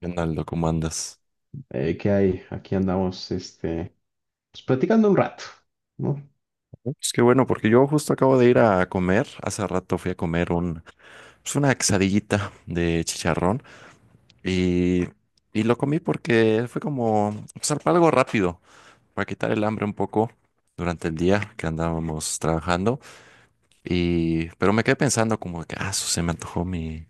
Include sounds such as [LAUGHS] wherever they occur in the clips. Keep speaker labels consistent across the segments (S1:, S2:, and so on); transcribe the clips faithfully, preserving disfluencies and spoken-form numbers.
S1: Leonardo, ¿cómo andas?
S2: Eh, ¿qué hay? Aquí andamos, este, pues, platicando un rato, ¿no?
S1: Es que bueno, porque yo justo acabo de ir a comer. Hace rato fui a comer un, pues una quesadillita de chicharrón y, y lo comí porque fue como pues, algo rápido para quitar el hambre un poco durante el día que andábamos trabajando. Y, pero me quedé pensando como que, ah, su, se me antojó mi...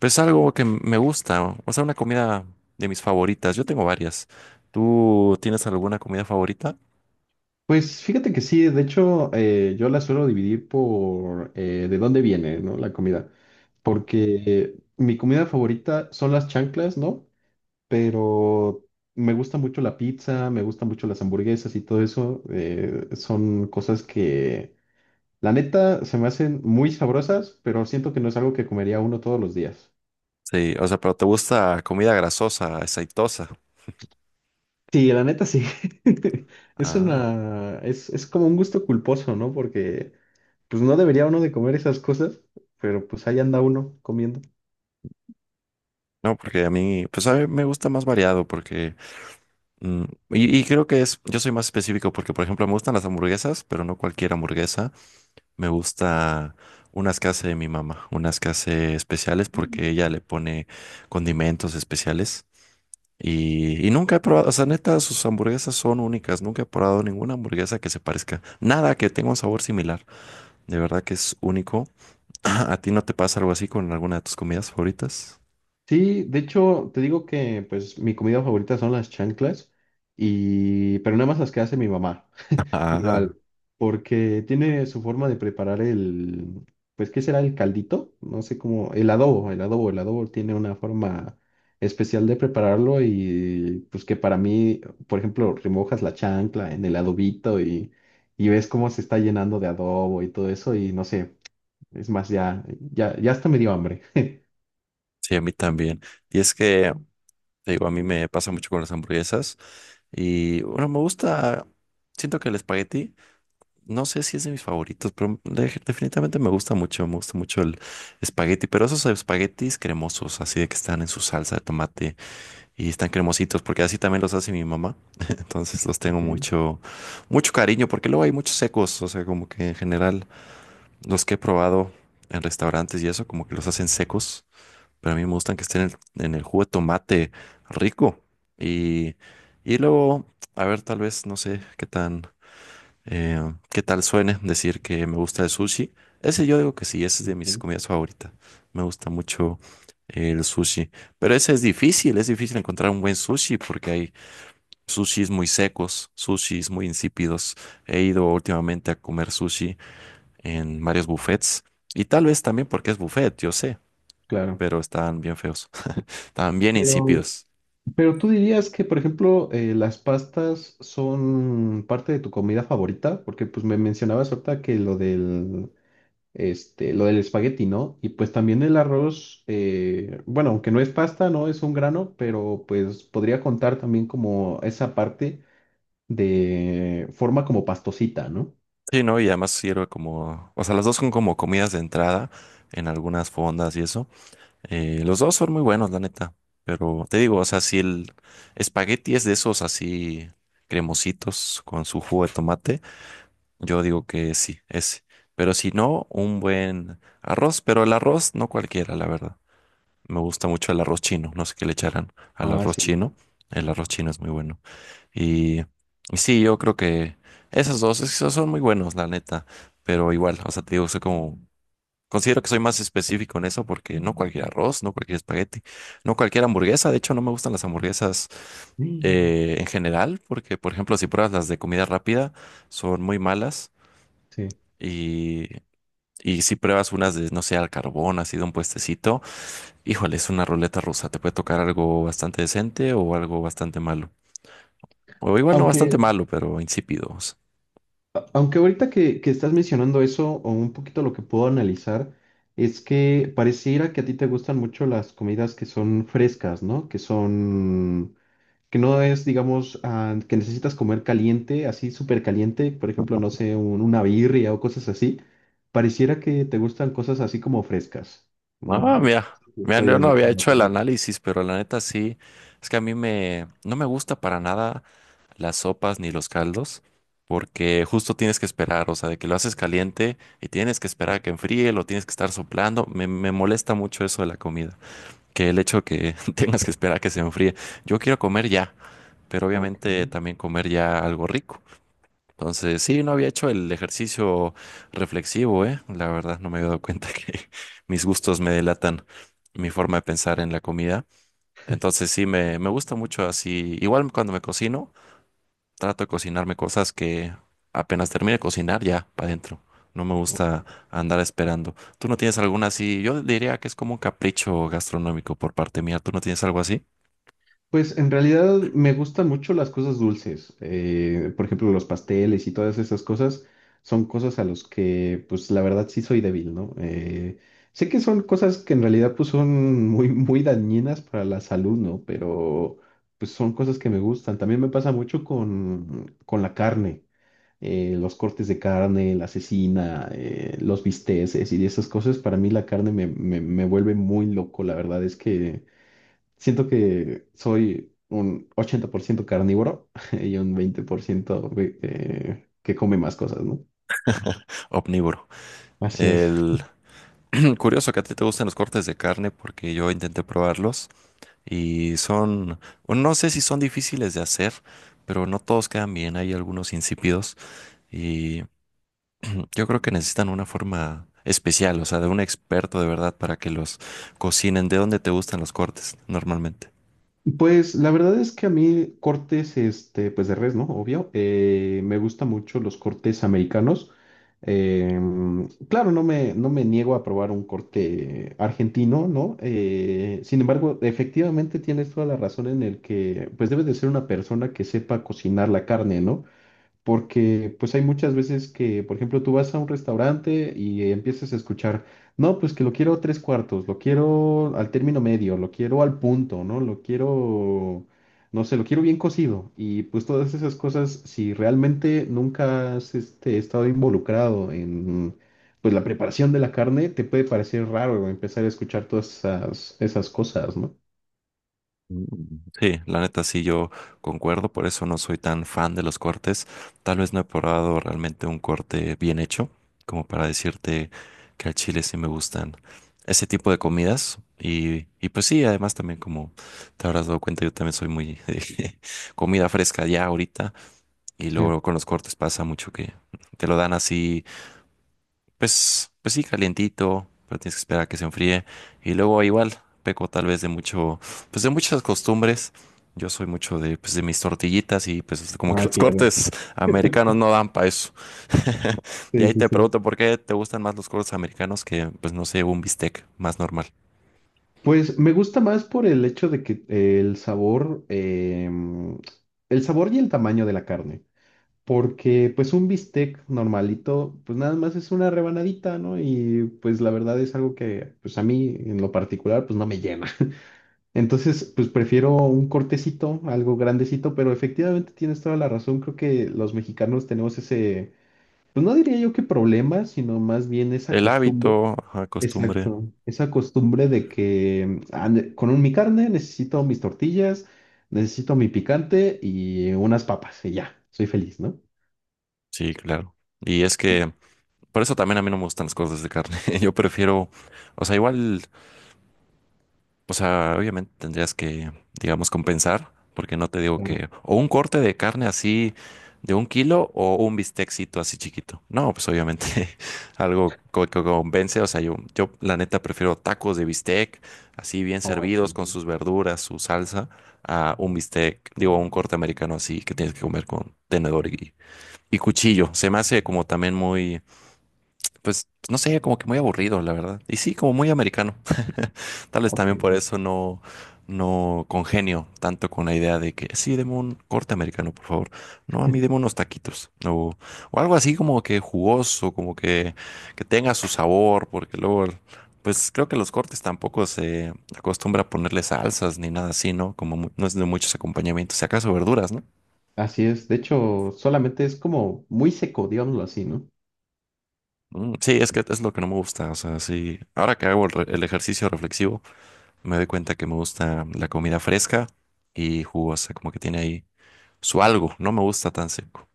S1: Pues algo que me gusta, o sea, una comida de mis favoritas. Yo tengo varias. ¿Tú tienes alguna comida favorita?
S2: Pues fíjate que sí, de hecho, eh, yo la suelo dividir por eh, de dónde viene, ¿no? La comida. Porque eh, mi comida favorita son las chanclas, ¿no? Pero me gusta mucho la pizza, me gustan mucho las hamburguesas y todo eso. Eh, son cosas que, la neta, se me hacen muy sabrosas, pero siento que no es algo que comería uno todos los días.
S1: Sí, o sea, pero ¿te gusta comida grasosa, aceitosa?
S2: Sí, la neta sí. [LAUGHS] Es
S1: Ah,
S2: una, es, es como un gusto culposo, ¿no? Porque pues no debería uno de comer esas cosas, pero pues ahí anda uno comiendo.
S1: no, porque a mí, pues a mí me gusta más variado porque, mm, y, y creo que es, yo soy más específico porque, por ejemplo, me gustan las hamburguesas, pero no cualquier hamburguesa. Me gusta unas que hace mi mamá, unas que hace especiales porque ella le
S2: Mm.
S1: pone condimentos especiales. Y, y nunca he probado, o sea, neta, sus hamburguesas son únicas. Nunca he probado ninguna hamburguesa que se parezca. Nada que tenga un sabor similar. De verdad que es único. [LAUGHS] ¿A ti no te pasa algo así con alguna de tus comidas favoritas?
S2: Sí, de hecho, te digo que pues mi comida favorita son las chanclas y pero nada más las que hace mi mamá.
S1: Ah,
S2: Igual, porque tiene su forma de preparar el, pues, ¿qué será el caldito? No sé cómo, el adobo, el adobo, el adobo tiene una forma especial de prepararlo y pues que para mí, por ejemplo, remojas la chancla en el adobito y, y ves cómo se está llenando de adobo y todo eso y no sé, es más, ya, ya, ya hasta me dio hambre.
S1: sí, a mí también. Y es que, te digo, a mí me pasa mucho con las hamburguesas. Y bueno, me gusta, siento que el espagueti, no sé si es de mis favoritos, pero de- definitivamente me gusta mucho, me gusta mucho el espagueti, pero esos espaguetis cremosos, así de que están en su salsa de tomate y están cremositos, porque así también los hace mi mamá. [LAUGHS] Entonces los tengo
S2: Ok,
S1: mucho, mucho cariño, porque luego hay muchos secos, o sea, como que en general. Los que he probado en restaurantes y eso, como que los hacen secos, pero a mí me gustan que estén en el, en el jugo de tomate rico. Y, y luego, a ver, tal vez, no sé qué tan, eh, qué tal suene decir que me gusta el sushi. Ese yo digo que sí, ese es de mis
S2: ok.
S1: comidas favoritas. Me gusta mucho eh, el sushi, pero ese es difícil, es difícil encontrar un buen sushi porque hay sushis muy secos, sushis muy insípidos. He ido últimamente a comer sushi en varios buffets. Y tal vez también porque es buffet, yo sé,
S2: Claro.
S1: pero estaban bien feos, [LAUGHS] estaban bien
S2: Pero
S1: insípidos.
S2: Pero tú dirías que, por ejemplo, eh, las pastas son parte de tu comida favorita, porque pues me mencionabas ahorita que lo del, este, lo del espagueti, ¿no? Y pues también el arroz, eh, bueno, aunque no es pasta, no es un grano, pero pues podría contar también como esa parte de forma como pastosita, ¿no?
S1: Sí, ¿no? Y además sirve como, o sea, los dos son como comidas de entrada en algunas fondas y eso. Eh, los dos son muy buenos, la neta. Pero te digo, o sea, si el espagueti es de esos así cremositos con su jugo de tomate, yo digo que sí, ese. Pero si no, un buen arroz, pero el arroz no cualquiera, la verdad. Me gusta mucho el arroz chino, no sé qué le echarán al
S2: Ah,
S1: arroz
S2: sí.
S1: chino. El arroz chino es muy bueno. Y, y sí, yo creo que esos dos, esos son muy buenos, la neta. Pero igual, o sea, te digo, soy como, considero que soy más específico en eso porque no cualquier arroz, no cualquier espagueti, no cualquier hamburguesa. De hecho, no me gustan las hamburguesas
S2: Mm.
S1: eh, en general porque, por ejemplo, si pruebas las de comida rápida, son muy malas.
S2: Sí.
S1: Y, y si pruebas unas de, no sé, al carbón, así de un puestecito. Híjole, es una ruleta rusa. Te puede tocar algo bastante decente o algo bastante malo. O igual
S2: Ah.
S1: no bastante
S2: Aunque,
S1: malo, pero insípidos.
S2: Aunque ahorita que, que estás mencionando eso, o un poquito lo que puedo analizar, es que pareciera que a ti te gustan mucho las comidas que son frescas, ¿no? Que son, que no es, digamos, ah, que necesitas comer caliente, así súper caliente, por ejemplo, no sé, un- una birria o cosas así. Pareciera que te gustan cosas así como frescas.
S1: Ah,
S2: Mm.
S1: mira. Mira,
S2: Estoy
S1: yo no
S2: en,
S1: había
S2: en lo
S1: hecho el
S2: correcto.
S1: análisis, pero la neta sí. Es que a mí me, no me gusta para nada las sopas ni los caldos, porque justo tienes que esperar, o sea, de que lo haces caliente y tienes que esperar a que enfríe, lo tienes que estar soplando. Me, me molesta mucho eso de la comida, que el hecho que [LAUGHS] tengas que esperar a que se enfríe. Yo quiero comer ya, pero
S2: Ok,
S1: obviamente también comer ya algo rico. Entonces, sí, no había hecho el ejercicio reflexivo, ¿eh? La verdad, no me había dado cuenta [LAUGHS] que mis gustos me delatan mi forma de pensar en la comida. Entonces, sí, me, me gusta mucho así. Igual cuando me cocino, trato de cocinarme cosas que apenas termine de cocinar, ya, para adentro. No me gusta
S2: ok.
S1: andar esperando. ¿Tú no tienes alguna así? Yo diría que es como un capricho gastronómico por parte mía. ¿Tú no tienes algo así?
S2: Pues en realidad me gustan mucho las cosas dulces. Eh, por ejemplo, los pasteles y todas esas cosas son cosas a los que, pues la verdad sí soy débil, ¿no? Eh, sé que son cosas que en realidad pues son muy, muy dañinas para la salud, ¿no? Pero pues son cosas que me gustan. También me pasa mucho con, con la carne, eh, los cortes de carne, la cecina, eh, los bisteces y esas cosas. Para mí la carne me, me me vuelve muy loco, la verdad es que... Siento que soy un ochenta por ciento carnívoro [LAUGHS] y un veinte por ciento ve- eh, que come más cosas, ¿no?
S1: Omnívoro.
S2: Así es.
S1: El... [CLEARS THROAT] Curioso que a ti te gustan los cortes de carne porque yo intenté probarlos. Y son, bueno, no sé si son difíciles de hacer, pero no todos quedan bien. Hay algunos insípidos y [CLEARS THROAT] yo creo que necesitan una forma especial, o sea, de un experto de verdad para que los cocinen. ¿De dónde te gustan los cortes normalmente?
S2: Pues la verdad es que a mí cortes, este, pues de res, ¿no? Obvio. Eh, me gustan mucho los cortes americanos. Em, claro, no me, no me niego a probar un corte argentino, ¿no? Eh, sin embargo, efectivamente tienes toda la razón en el que, pues debes de ser una persona que sepa cocinar la carne, ¿no? Porque pues hay muchas veces que, por ejemplo, tú vas a un restaurante y eh, empiezas a escuchar, no, pues que lo quiero tres cuartos, lo quiero al término medio, lo quiero al punto, ¿no? Lo quiero, no sé, lo quiero bien cocido. Y pues todas esas cosas, si realmente nunca has este, estado involucrado en pues la preparación de la carne, te puede parecer raro empezar a escuchar todas esas, esas cosas, ¿no?
S1: Mm, Sí, la neta sí, yo concuerdo, por eso no soy tan fan de los cortes. Tal vez no he probado realmente un corte bien hecho, como para decirte que al chile sí me gustan ese tipo de comidas. Y, y pues sí, además también como te habrás dado cuenta, yo también soy muy [LAUGHS] de comida fresca ya ahorita. Y
S2: Sí.
S1: luego con los cortes pasa mucho que te lo dan así pues, pues sí, calientito, pero tienes que esperar a que se enfríe. Y luego igual, peco tal vez de mucho, pues de muchas costumbres. Yo soy mucho de, pues de mis tortillitas y pues como que
S2: Ah,
S1: los
S2: claro.
S1: cortes americanos no dan para eso. [LAUGHS] Y
S2: Sí,
S1: ahí
S2: sí,
S1: te
S2: sí.
S1: pregunto por qué te gustan más los cortes americanos que, pues no sé, un bistec más normal.
S2: Pues me gusta más por el hecho de que eh, el sabor, em, el sabor y el tamaño de la carne, porque pues un bistec normalito, pues nada más es una rebanadita, ¿no? Y pues la verdad es algo que pues a mí en lo particular pues no me llena. [LAUGHS] Entonces pues prefiero un cortecito, algo grandecito, pero efectivamente tienes toda la razón, creo que los mexicanos tenemos ese, pues no diría yo que problema, sino más bien esa
S1: El
S2: costumbre.
S1: hábito, ajá, costumbre.
S2: Exacto, esa costumbre de que ah, ne- con un- mi carne necesito mis tortillas, necesito mi picante y unas papas y ya, soy feliz, ¿no?
S1: Sí, claro. Y es que por eso también a mí no me gustan los cortes de carne. [LAUGHS] Yo prefiero, o sea, igual, o sea, obviamente tendrías que, digamos, compensar, porque no te digo
S2: Claro.
S1: que, o un corte de carne así de un kilo o un bistecito así chiquito. No, pues obviamente [LAUGHS] algo co- que convence. O sea, yo, yo la neta prefiero tacos de bistec, así bien
S2: No,
S1: servidos
S2: sí.
S1: con sus verduras, su salsa, a un bistec, digo, un corte americano así que tienes que comer con tenedor y, y cuchillo. Se me hace como también muy, pues, no sé, como que muy aburrido, la verdad. Y sí, como muy americano. Tal vez
S2: Ok.
S1: también por eso no, no congenio tanto con la idea de que sí, deme un corte americano, por favor. No, a mí deme unos taquitos. O, o algo así como que jugoso, como que, que tenga su sabor, porque luego, pues creo que los cortes tampoco se acostumbra a ponerle salsas ni nada así, ¿no? Como mu- no es de muchos acompañamientos, si acaso verduras, ¿no?
S2: Así es, de hecho, solamente es como muy seco, digámoslo así, ¿no?
S1: Mm, Sí, es que es lo que no me gusta, o sea, sí, ahora que hago el, re- el ejercicio reflexivo, me doy cuenta que me gusta la comida fresca y jugosa, como que tiene ahí su algo, no me gusta tan seco.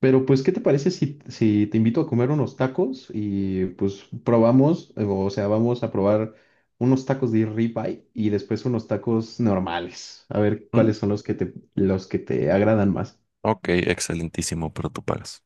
S2: Pero pues, ¿qué te parece si, si te invito a comer unos tacos y pues probamos, eh, o sea, vamos a probar unos tacos de ribeye y después unos tacos normales, a ver
S1: Mm,
S2: cuáles son los que te, los que te agradan más.
S1: Ok, excelentísimo, pero tú pagas.